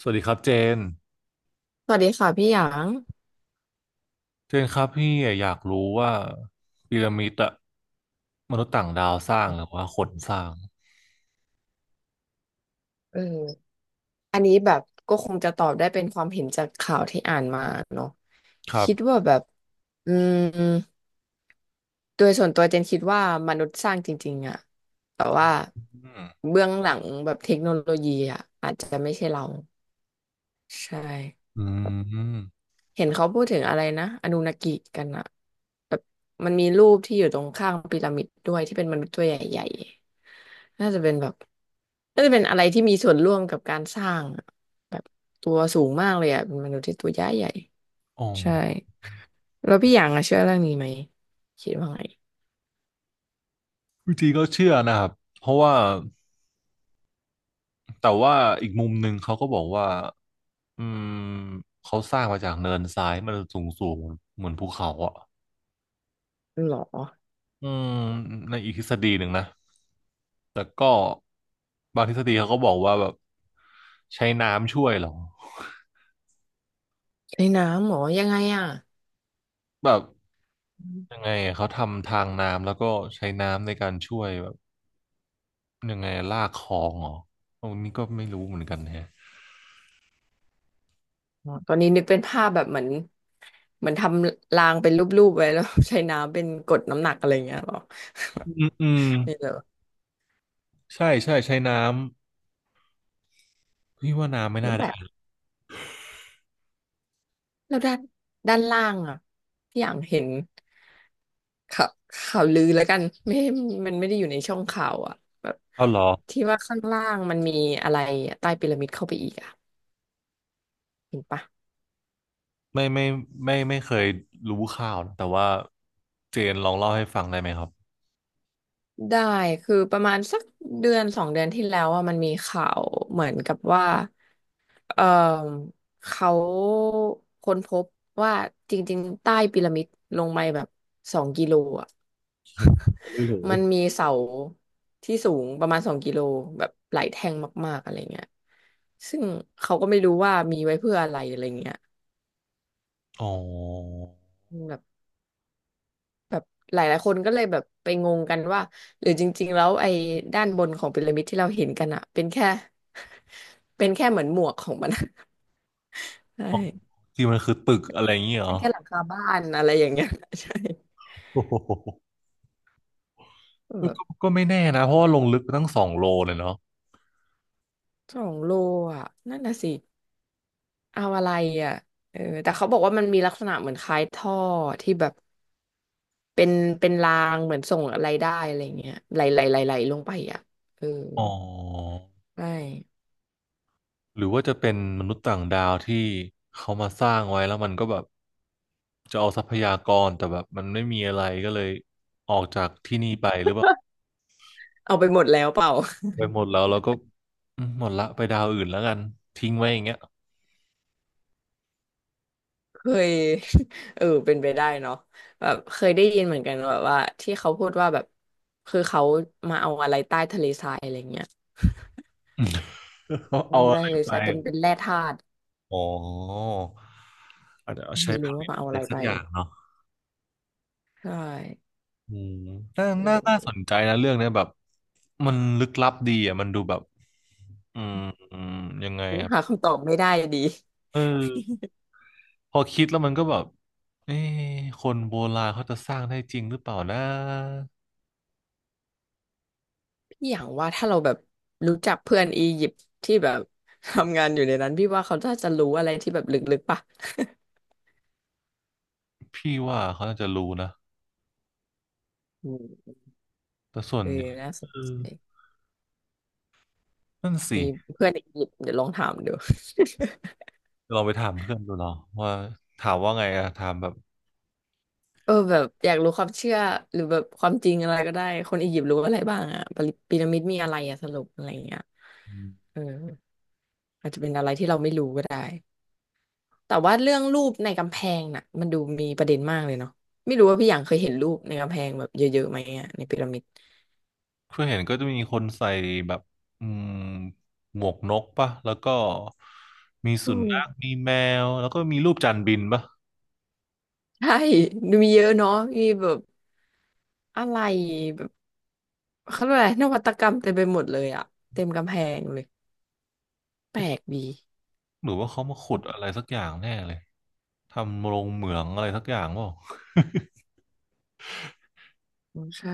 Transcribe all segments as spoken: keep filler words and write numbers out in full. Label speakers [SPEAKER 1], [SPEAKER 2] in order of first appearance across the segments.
[SPEAKER 1] สวัสดีครับเจน
[SPEAKER 2] สวัสดีค่ะพี่หยาง
[SPEAKER 1] เจนครับพี่อยากรู้ว่าพีระมิดอะมนุษย์ต่างดาวสร้างหรือว่าคนสร้าง
[SPEAKER 2] เอออันนี้แบบก็คงจะตอบได้เป็นความเห็นจากข่าวที่อ่านมาเนาะ
[SPEAKER 1] ครับ
[SPEAKER 2] คิดว่าแบบอืมโดยส่วนตัวเจนคิดว่ามนุษย์สร้างจริงๆอะแต่ว่า
[SPEAKER 1] อืม
[SPEAKER 2] เบื้องหลังแบบเทคโนโลยีอะอาจจะไม่ใช่เราใช่
[SPEAKER 1] อืม
[SPEAKER 2] เห็นเขาพูดถึงอะไรนะอนูนากิกันอะแบบมันมีรูปที่อยู่ตรงข้างพีระมิดด้วยที่เป็นมนุษย์ตัวใหญ่ๆน่าจะเป็นแบบน่าจะเป็นอะไรที่มีส่วนร่วมกับการสร้างอะแบบตัวสูงมากเลยอะเป็นมนุษย์ที่ตัวใหญ่ใหญ่
[SPEAKER 1] อ๋อ
[SPEAKER 2] ใช่แล้วพี่อยางอะเชื่อเรื่องนี้ไหมคิดว่าไง
[SPEAKER 1] จริงๆก็เชื่อนะครับเพราะว่าแต่ว่าอีกมุมหนึ่งเขาก็บอกว่าอืมเขาสร้างมาจากเนินทรายมันสูงสูงเหมือนภูเขาอะ
[SPEAKER 2] หรอ
[SPEAKER 1] อืม ในอีกทฤษฎีหนึ่งนะแต่ก็บางทฤษฎีเขาก็บอกว่าแบบใช้น้ำช่วยเหรอ
[SPEAKER 2] ในน้ำหรอยังไงอะ
[SPEAKER 1] แบบ
[SPEAKER 2] อ
[SPEAKER 1] ยัง
[SPEAKER 2] ม
[SPEAKER 1] ไงอะเขาทำทางน้ำแล้วก็ใช้น้ำในการช่วยแบบยังไงอะลากคลองเหรอตรงนี้ก็ไม่รู้เหมือนกันแฮะ
[SPEAKER 2] อ๋อตอนนี้นึกเป็นภาพแบบเหมือนเหมือนทำรางเป็นรูปๆไว้แล้ว ใช้น้ำเป็นกดน้ำหนักอะไรอย่างเงี้ยหรอ
[SPEAKER 1] อืมอืม
[SPEAKER 2] นี่เหรอ
[SPEAKER 1] ใช่ใช่ใช้น้ำพี่ว่าน้ำไม่น่า
[SPEAKER 2] แปล
[SPEAKER 1] ได้
[SPEAKER 2] แล้วด้านด้านล่างอ่ะพี่อย่างเห็นข่าวข่าวลือแล้วกันไม่มันไม่ได้อยู่ในช่องข่าวอ่ะแบบ
[SPEAKER 1] เอาเหรอ
[SPEAKER 2] ที่ว่าข้างล่างมันมีอะไรอะใต้พีระมิดเข้าไปอีกอ่ะเห็นปะ
[SPEAKER 1] ไม่ไม่ไม่ไม่เคยรู้ข่าวนะแต่ว่าเจนลองเล่าให้ฟังได้ไหมครับ
[SPEAKER 2] ได้คือประมาณสักเดือนสองเดือนที่แล้วอ่ะมันมีข่าวเหมือนกับว่าเออเขาค้นพบว่าจริงๆใต้พีระมิดลงไปแบบสองกิโลอ่ะ
[SPEAKER 1] ไม่รู้
[SPEAKER 2] มันมีเสาที่สูงประมาณสองกิโลแบบหลายแท่งมากๆอะไรเงี้ยซึ่งเขาก็ไม่รู้ว่ามีไว้เพื่ออะไรอะไรเงี้ย
[SPEAKER 1] อ๋อ
[SPEAKER 2] แบบแบบหลายหลายคนก็เลยแบบไปงงกันว่าหรือจริงๆแล้วไอ้ด้านบนของพีระมิดที่เราเห็นกันอะเป็นแค่ เป็นแค่เหมือนหมวกของมัน ใช
[SPEAKER 1] อ๋อ
[SPEAKER 2] ่
[SPEAKER 1] ที่มันคือตึกอะไรอย่างเงี้ยเหร
[SPEAKER 2] เป็
[SPEAKER 1] อ
[SPEAKER 2] นแค่หลังคาบ้านอะไรอย่างเงี้ย ใช่
[SPEAKER 1] โอ้โหก็
[SPEAKER 2] แบบ
[SPEAKER 1] ก็ไม่แน่นะเพราะว่าลงลึกไปตั้งสองโลเลยเนาะ
[SPEAKER 2] สองโลอ่ะนั่นน่ะสิเอาอะไรอ่ะเออแต่เขาบอกว่ามันมีลักษณะเหมือนคล้ายท่อที่แบบ เป็นเป็นรางเหมือนส่งอะไรได้อะไรเงี้ยไหลไหลไหลไหลลงไปอ่ะเออ
[SPEAKER 1] อ๋อ
[SPEAKER 2] ใช่
[SPEAKER 1] หรือว่าจะเป็นมนุษย์ต่างดาวที่เขามาสร้างไว้แล้วมันก็แบบจะเอาทรัพยากรแต่แบบมันไม่มีอะไรก็เลยออกจากที่นี่ไปหรือว่า
[SPEAKER 2] เอาไปหมดแล้วเปล่า
[SPEAKER 1] ไป หมดแล้วเราก็อืมหมดละไปดาวอื่นแล้วกันทิ้งไว้อย่างเงี้ย
[SPEAKER 2] เคย เออเป็นไปได้เนาะแบบเคยได้ยินเหมือนกันแบบว่าที่เขาพูดว่าแบบคือเขามาเอาอะไรใต้ทะเลทรายอะไรเงี้ย
[SPEAKER 1] เขา
[SPEAKER 2] อื
[SPEAKER 1] เอา
[SPEAKER 2] ม
[SPEAKER 1] อะ
[SPEAKER 2] ใต้
[SPEAKER 1] ไร
[SPEAKER 2] ทะเล
[SPEAKER 1] ไป
[SPEAKER 2] ทรายเป็นเป็นแร่ธาตุ
[SPEAKER 1] อ๋ออาจจะเอาใช้
[SPEAKER 2] ไม่
[SPEAKER 1] ผ
[SPEAKER 2] รู้
[SPEAKER 1] ลิ
[SPEAKER 2] ว่า
[SPEAKER 1] ต
[SPEAKER 2] มาเอา
[SPEAKER 1] อะ
[SPEAKER 2] อะ
[SPEAKER 1] ไร
[SPEAKER 2] ไร
[SPEAKER 1] สั
[SPEAKER 2] ไป
[SPEAKER 1] กอย่างเนาะ
[SPEAKER 2] ใช่
[SPEAKER 1] อืมน่า
[SPEAKER 2] เอ
[SPEAKER 1] น่าน่าส
[SPEAKER 2] อ
[SPEAKER 1] นใจนะเรื่องเนี้ยแบบมันลึกลับดีอ่ะมันดูแบบอืมอืมยังไง
[SPEAKER 2] ยัง
[SPEAKER 1] ครับ
[SPEAKER 2] หาคำตอบไม่ได้ดี
[SPEAKER 1] เออ พอคิดแล้วมันก็แบบเอ๊ะคนโบราณเขาจะสร้างได้จริงหรือเปล่านะ
[SPEAKER 2] อย่างว่าถ้าเราแบบรู้จักเพื่อนอียิปต์ที่แบบ ทำงานอยู่ในนั้นพี่ว่าเขาน่าจะรู้อะไรที่แบบลึกๆป่ะ
[SPEAKER 1] พี่ว่าเขาน่าจะรู้นะ
[SPEAKER 2] อืม
[SPEAKER 1] แต่ส่ว น
[SPEAKER 2] เออ
[SPEAKER 1] ใหญ่
[SPEAKER 2] น่าส
[SPEAKER 1] เอ
[SPEAKER 2] นใจ
[SPEAKER 1] อนั่นสิ
[SPEAKER 2] มีเพื่อนอียิปต์เดี๋ยวลองถามดู
[SPEAKER 1] ลองไปถามเพื่อนดูเนาะว่าถามว่าไงอะถามแบบ
[SPEAKER 2] เออแบบอยากรู้ความเชื่อหรือแบบความจริงอะไรก็ได้คนอียิปต์รู้อะไรบ้างอะพีระพีระมิดมีอะไรอะสรุปอะไรอย่างเงี้ย
[SPEAKER 1] อืม
[SPEAKER 2] เอออาจจะเป็นอะไรที่เราไม่รู้ก็ได้แต่ว่าเรื่องรูปในกำแพงน่ะมันดูมีประเด็นมากเลยเนาะไม่รู้ว่าพี่หยางเคยเห็นรูปในกำแพงแบบเยอะๆไหมอะในพีระมิด
[SPEAKER 1] เพื่อนเห็นก็จะมีคนใส่แบบอืมหมวกนกปะแล้วก็มี
[SPEAKER 2] อื
[SPEAKER 1] สุ
[SPEAKER 2] ม
[SPEAKER 1] นัขมีแมวแล้วก็มีรูปจานบินปะ
[SPEAKER 2] ใช่ดูมีเยอะเนาะมีแบบอะไรแบบเขาเรียกอะไรนวัตกรรมเต็มไปหมดเลยอะเต็มกำแพงเลยแปลกดี
[SPEAKER 1] หรือว่าเขามาขุดอะไรสักอย่างแน่เลยทำโรงเหมืองอะไรสักอย่างเปล่า
[SPEAKER 2] อืมใช่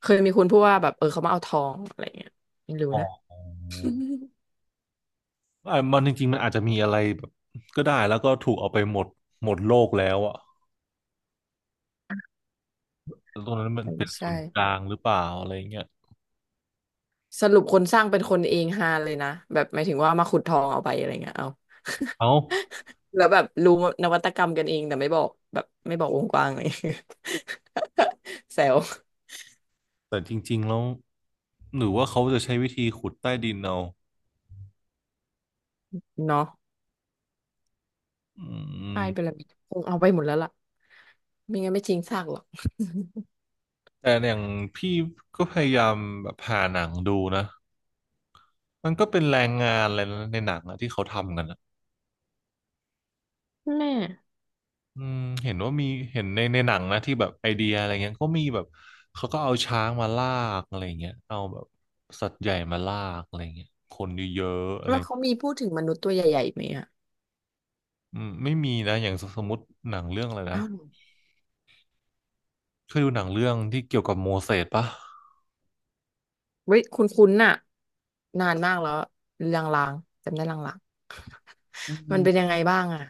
[SPEAKER 2] เคยมีคนพูดว่าแบบเออเขามาเอาทองอะไรเงี้ยไม่รู้
[SPEAKER 1] อ๋อ
[SPEAKER 2] นะ
[SPEAKER 1] อ่ะมันจริงๆมันอาจจะมีอะไรแบบก็ได้แล้วก็ถูกเอาไปหมดหมดโลกแล้วอ่ะแล้วตรงนั้นมั
[SPEAKER 2] เอ
[SPEAKER 1] น
[SPEAKER 2] อ
[SPEAKER 1] เป็นศู
[SPEAKER 2] ใช่
[SPEAKER 1] นย์กลางหรือเปล่าอะไรเงี้ย
[SPEAKER 2] สรุปคนสร้างเป็นคนเองฮาเลยนะแบบหมายถึงว่ามาขุดทองเอาไปอะไรเงี้ยเอา
[SPEAKER 1] เอ้า
[SPEAKER 2] แล้วแบบรู้นวัตกรรมกันเองแต่ไม่บอกแบบไม่บอกวงกว้างเลย แซว
[SPEAKER 1] แต่จริงๆแล้วหรือว่าเขาจะใช้วิธีขุดใต้ดินเอา
[SPEAKER 2] เนาะ
[SPEAKER 1] อื
[SPEAKER 2] ใช่
[SPEAKER 1] ม
[SPEAKER 2] เป็นระเบียบคงเอาไปหมดแล้วล่ะไม่งั้นไม่จริงซากหรอก
[SPEAKER 1] แต่อย่างพี่ก็พยายามแบบหาหนังดูนะมันก็เป็นแรงงานอะไรนะในหนังอะที่เขาทำกันอะ
[SPEAKER 2] แม่
[SPEAKER 1] อืมเห็นว่ามีเห็นในในหนังนะที่แบบไอเดียอะไรเงี้ยก็มีแบบเขาก็เอาช้างมาลากอะไรเงี้ยเอาแบบสัตว์ใหญ่มาลากอะไรเงี้ยคนเยอะๆอะไร
[SPEAKER 2] แล้วเขามีพูดถึงมนุษย์ตัวใหญ่ๆไหมอ่ะ
[SPEAKER 1] อืมไม่มีนะอย่างสสมมติหนังเรื่องอะไรนะ
[SPEAKER 2] อ้าว
[SPEAKER 1] เคยดูหนังเรื่องที่เกี่ยวกับโมเสสปะ
[SPEAKER 2] เว้ยคุณคุณนๆน่ะนานมากแล้วลางๆจำได้ลาง
[SPEAKER 1] อื
[SPEAKER 2] ๆมัน
[SPEAKER 1] ม
[SPEAKER 2] เป็นยังไงบ้างอ่ะ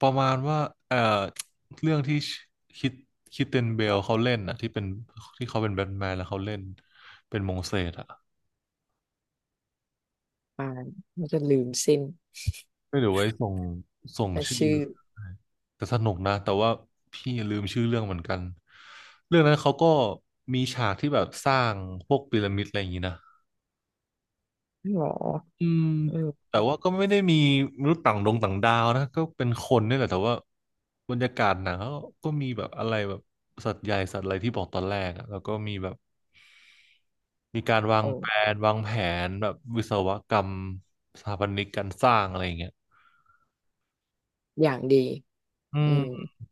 [SPEAKER 1] ประมาณว่าเอ่อเรื่องที่คิดคิดเตนเบลเขาเล่นอะที่เป็นที่เขาเป็นแบทแมนแล้วเขาเล่นเป็นโมเสสอะ
[SPEAKER 2] อ่ามันจะลืมสิ้น
[SPEAKER 1] ไม่เดี๋ยวไว้ส่งส่ง
[SPEAKER 2] แต่
[SPEAKER 1] ชื่อ
[SPEAKER 2] ชื่อ
[SPEAKER 1] ้แต่สนุกนะแต่ว่าพี่ลืมชื่อเรื่องเหมือนกันเรื่องนั้นเขาก็มีฉากที่แบบสร้างพวกพีระมิดอะไรอย่างนี้นะ
[SPEAKER 2] หรอ
[SPEAKER 1] อืม
[SPEAKER 2] อืม
[SPEAKER 1] แต่ว่าก็ไม่ได้มีมนุษย์ต่างดงต่างดาวนะก็เป็นคนนี่แหละแต่ว่าบรรยากาศหนังเขาก็มีแบบอะไรแบบสัตว์ใหญ่สัตว์อะไรที่บอกตอนแรกอะแล้วก็มีแบบมีการวางแผ
[SPEAKER 2] โอ้
[SPEAKER 1] นวางแผนแบบวิศวกรรมสถาปนิกการสร้างอะไรอย่างเงี้ย
[SPEAKER 2] อย่างดี
[SPEAKER 1] อื
[SPEAKER 2] อื
[SPEAKER 1] ม
[SPEAKER 2] ม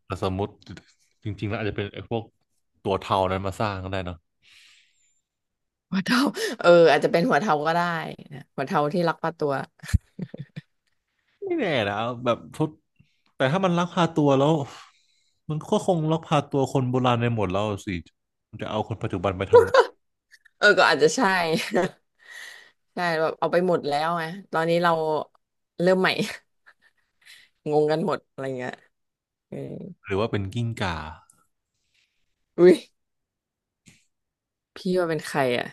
[SPEAKER 1] แต่สมมติจริงๆแล้วอาจจะเป็นไอ้พวกตัวเทานั้นมาสร้างก็ได้เนาะ
[SPEAKER 2] หัวเทาเอออาจจะเป็นหัวเทาก็ได้นะหัวเทาที่รักป้าตัว
[SPEAKER 1] ไม่แน่นะแบบทุกแต่ถ้ามันลักพาตัวแล้วมันก็คงลักพาตัวคนโบราณในหมดแล้วสิมันจะเอาคนปัจจุบันไปท
[SPEAKER 2] เออก็อาจจะใช่ ใช่แบบเอาไปหมดแล้วไงตอนนี้เราเริ่มใหม่ งงกันหมดอะไรเงี้ยเออ
[SPEAKER 1] ำหรือว่าเป็นกิ้งก่า
[SPEAKER 2] อุ้ยพี่ว่าเป็นใครอ่ะ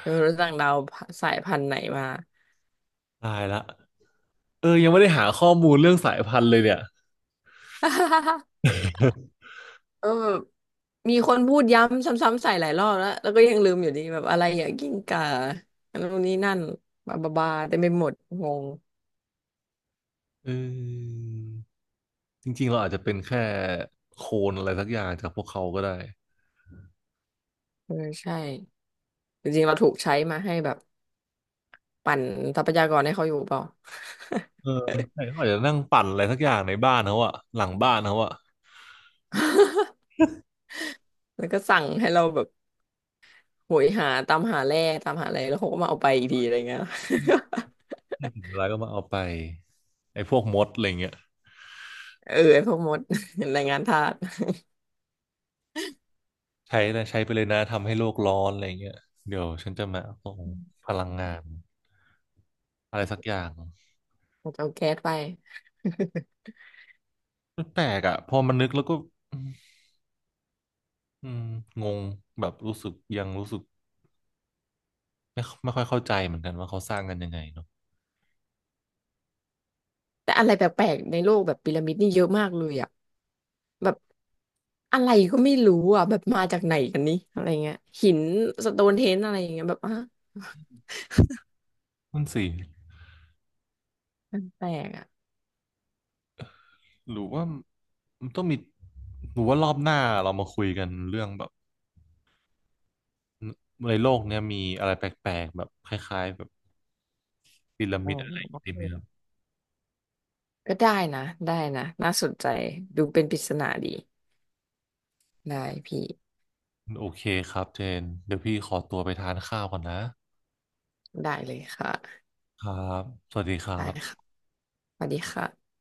[SPEAKER 2] เธอรู้จักดาวสายพันธุ์ไหนมา
[SPEAKER 1] ตายละเออยังไม่ได้หาข้อมูลเรื่องสายพันธุ์เลยเนี่ย
[SPEAKER 2] เออแบบมีคนพูดย้ำซ้ำๆใส่หลายรอบแล้วแล้วก็ยังลืมอยู่ดีแบบอะไรอย่างกิ้งก่าอันนู้นนี้นั่นบาบาบาเต็มไปหมดงง
[SPEAKER 1] เออจริงๆเราอาจจะเป็นแค่โคลนอะไรสักอย่างจากพวกเขาก็ได้
[SPEAKER 2] เออใช่จริงๆเราถูกใช้มาให้แบบปั่นทรัพยากรให้เขาอยู่เปล่า
[SPEAKER 1] เออแต่เขาอาจจะนั่งปั่นอะไรสักอย่างในบ้านเขาอะหลังบ้านเขาอะ
[SPEAKER 2] แล้วก็สั่งให้เราแบบโหยหาตามหาแร่ตามหาอะไรแล้วเขาก็มาเอาไปอีกทีอะไรเงี้ย
[SPEAKER 1] ที่ถึงเวลาก็มาเอาไปไอ้พวกมดอะไรเงี้ย
[SPEAKER 2] เออไอ้พวกมด แรงงานทาส
[SPEAKER 1] ใช้นะใช้ไปเลยนะทำให้โลกร้อนอะไรเงี้ยเดี๋ยวฉันจะมาเอาพลังงานอะไรสักอย่าง
[SPEAKER 2] เอาแก๊สไป
[SPEAKER 1] มันแปลกอ่ะพอมันนึกแล้วก็อืมอืมงงแบบรู้สึกยังรู้สึกไม่ไม่ค่อยเข้าใจเหมือนกันว่าเขาสร้างกันยังไงเนาะ
[SPEAKER 2] แต่อะไรแปลกๆในโลกแบบพีระมิดนี่เยอะมากเลยอ่ะแบบอะไรก็ไม่รู้อ่ะแบบมาจากไหนกันนี่อะไรเงี้ยหินสโตนเทนอะไรอย่างเงี้ยแบบอ่ะ
[SPEAKER 1] มันสิ
[SPEAKER 2] มันแปลกอ่ะ
[SPEAKER 1] หรือว่ามันต้องมีหรือว่ารอบหน้าเรามาคุยกันเรื่องแบบในโลกเนี้ยมีอะไรแปลกๆแบบคล้ายๆแบบพีระ
[SPEAKER 2] อ๋
[SPEAKER 1] มิดอะไรอย่างงี้ดี
[SPEAKER 2] อ
[SPEAKER 1] ไหมเนาะ
[SPEAKER 2] ก็ได้นะได้นะน่าสนใจดูเป็นปริศนาดีได้พี่
[SPEAKER 1] โอเคครับเจนเดี๋ยวพี่ขอตัวไปทานข้าวก่อนนะ
[SPEAKER 2] ได้เลยค่ะ
[SPEAKER 1] ครับสวัสดีครั
[SPEAKER 2] ได้
[SPEAKER 1] บ
[SPEAKER 2] ค่ะสวัสดีค่ะ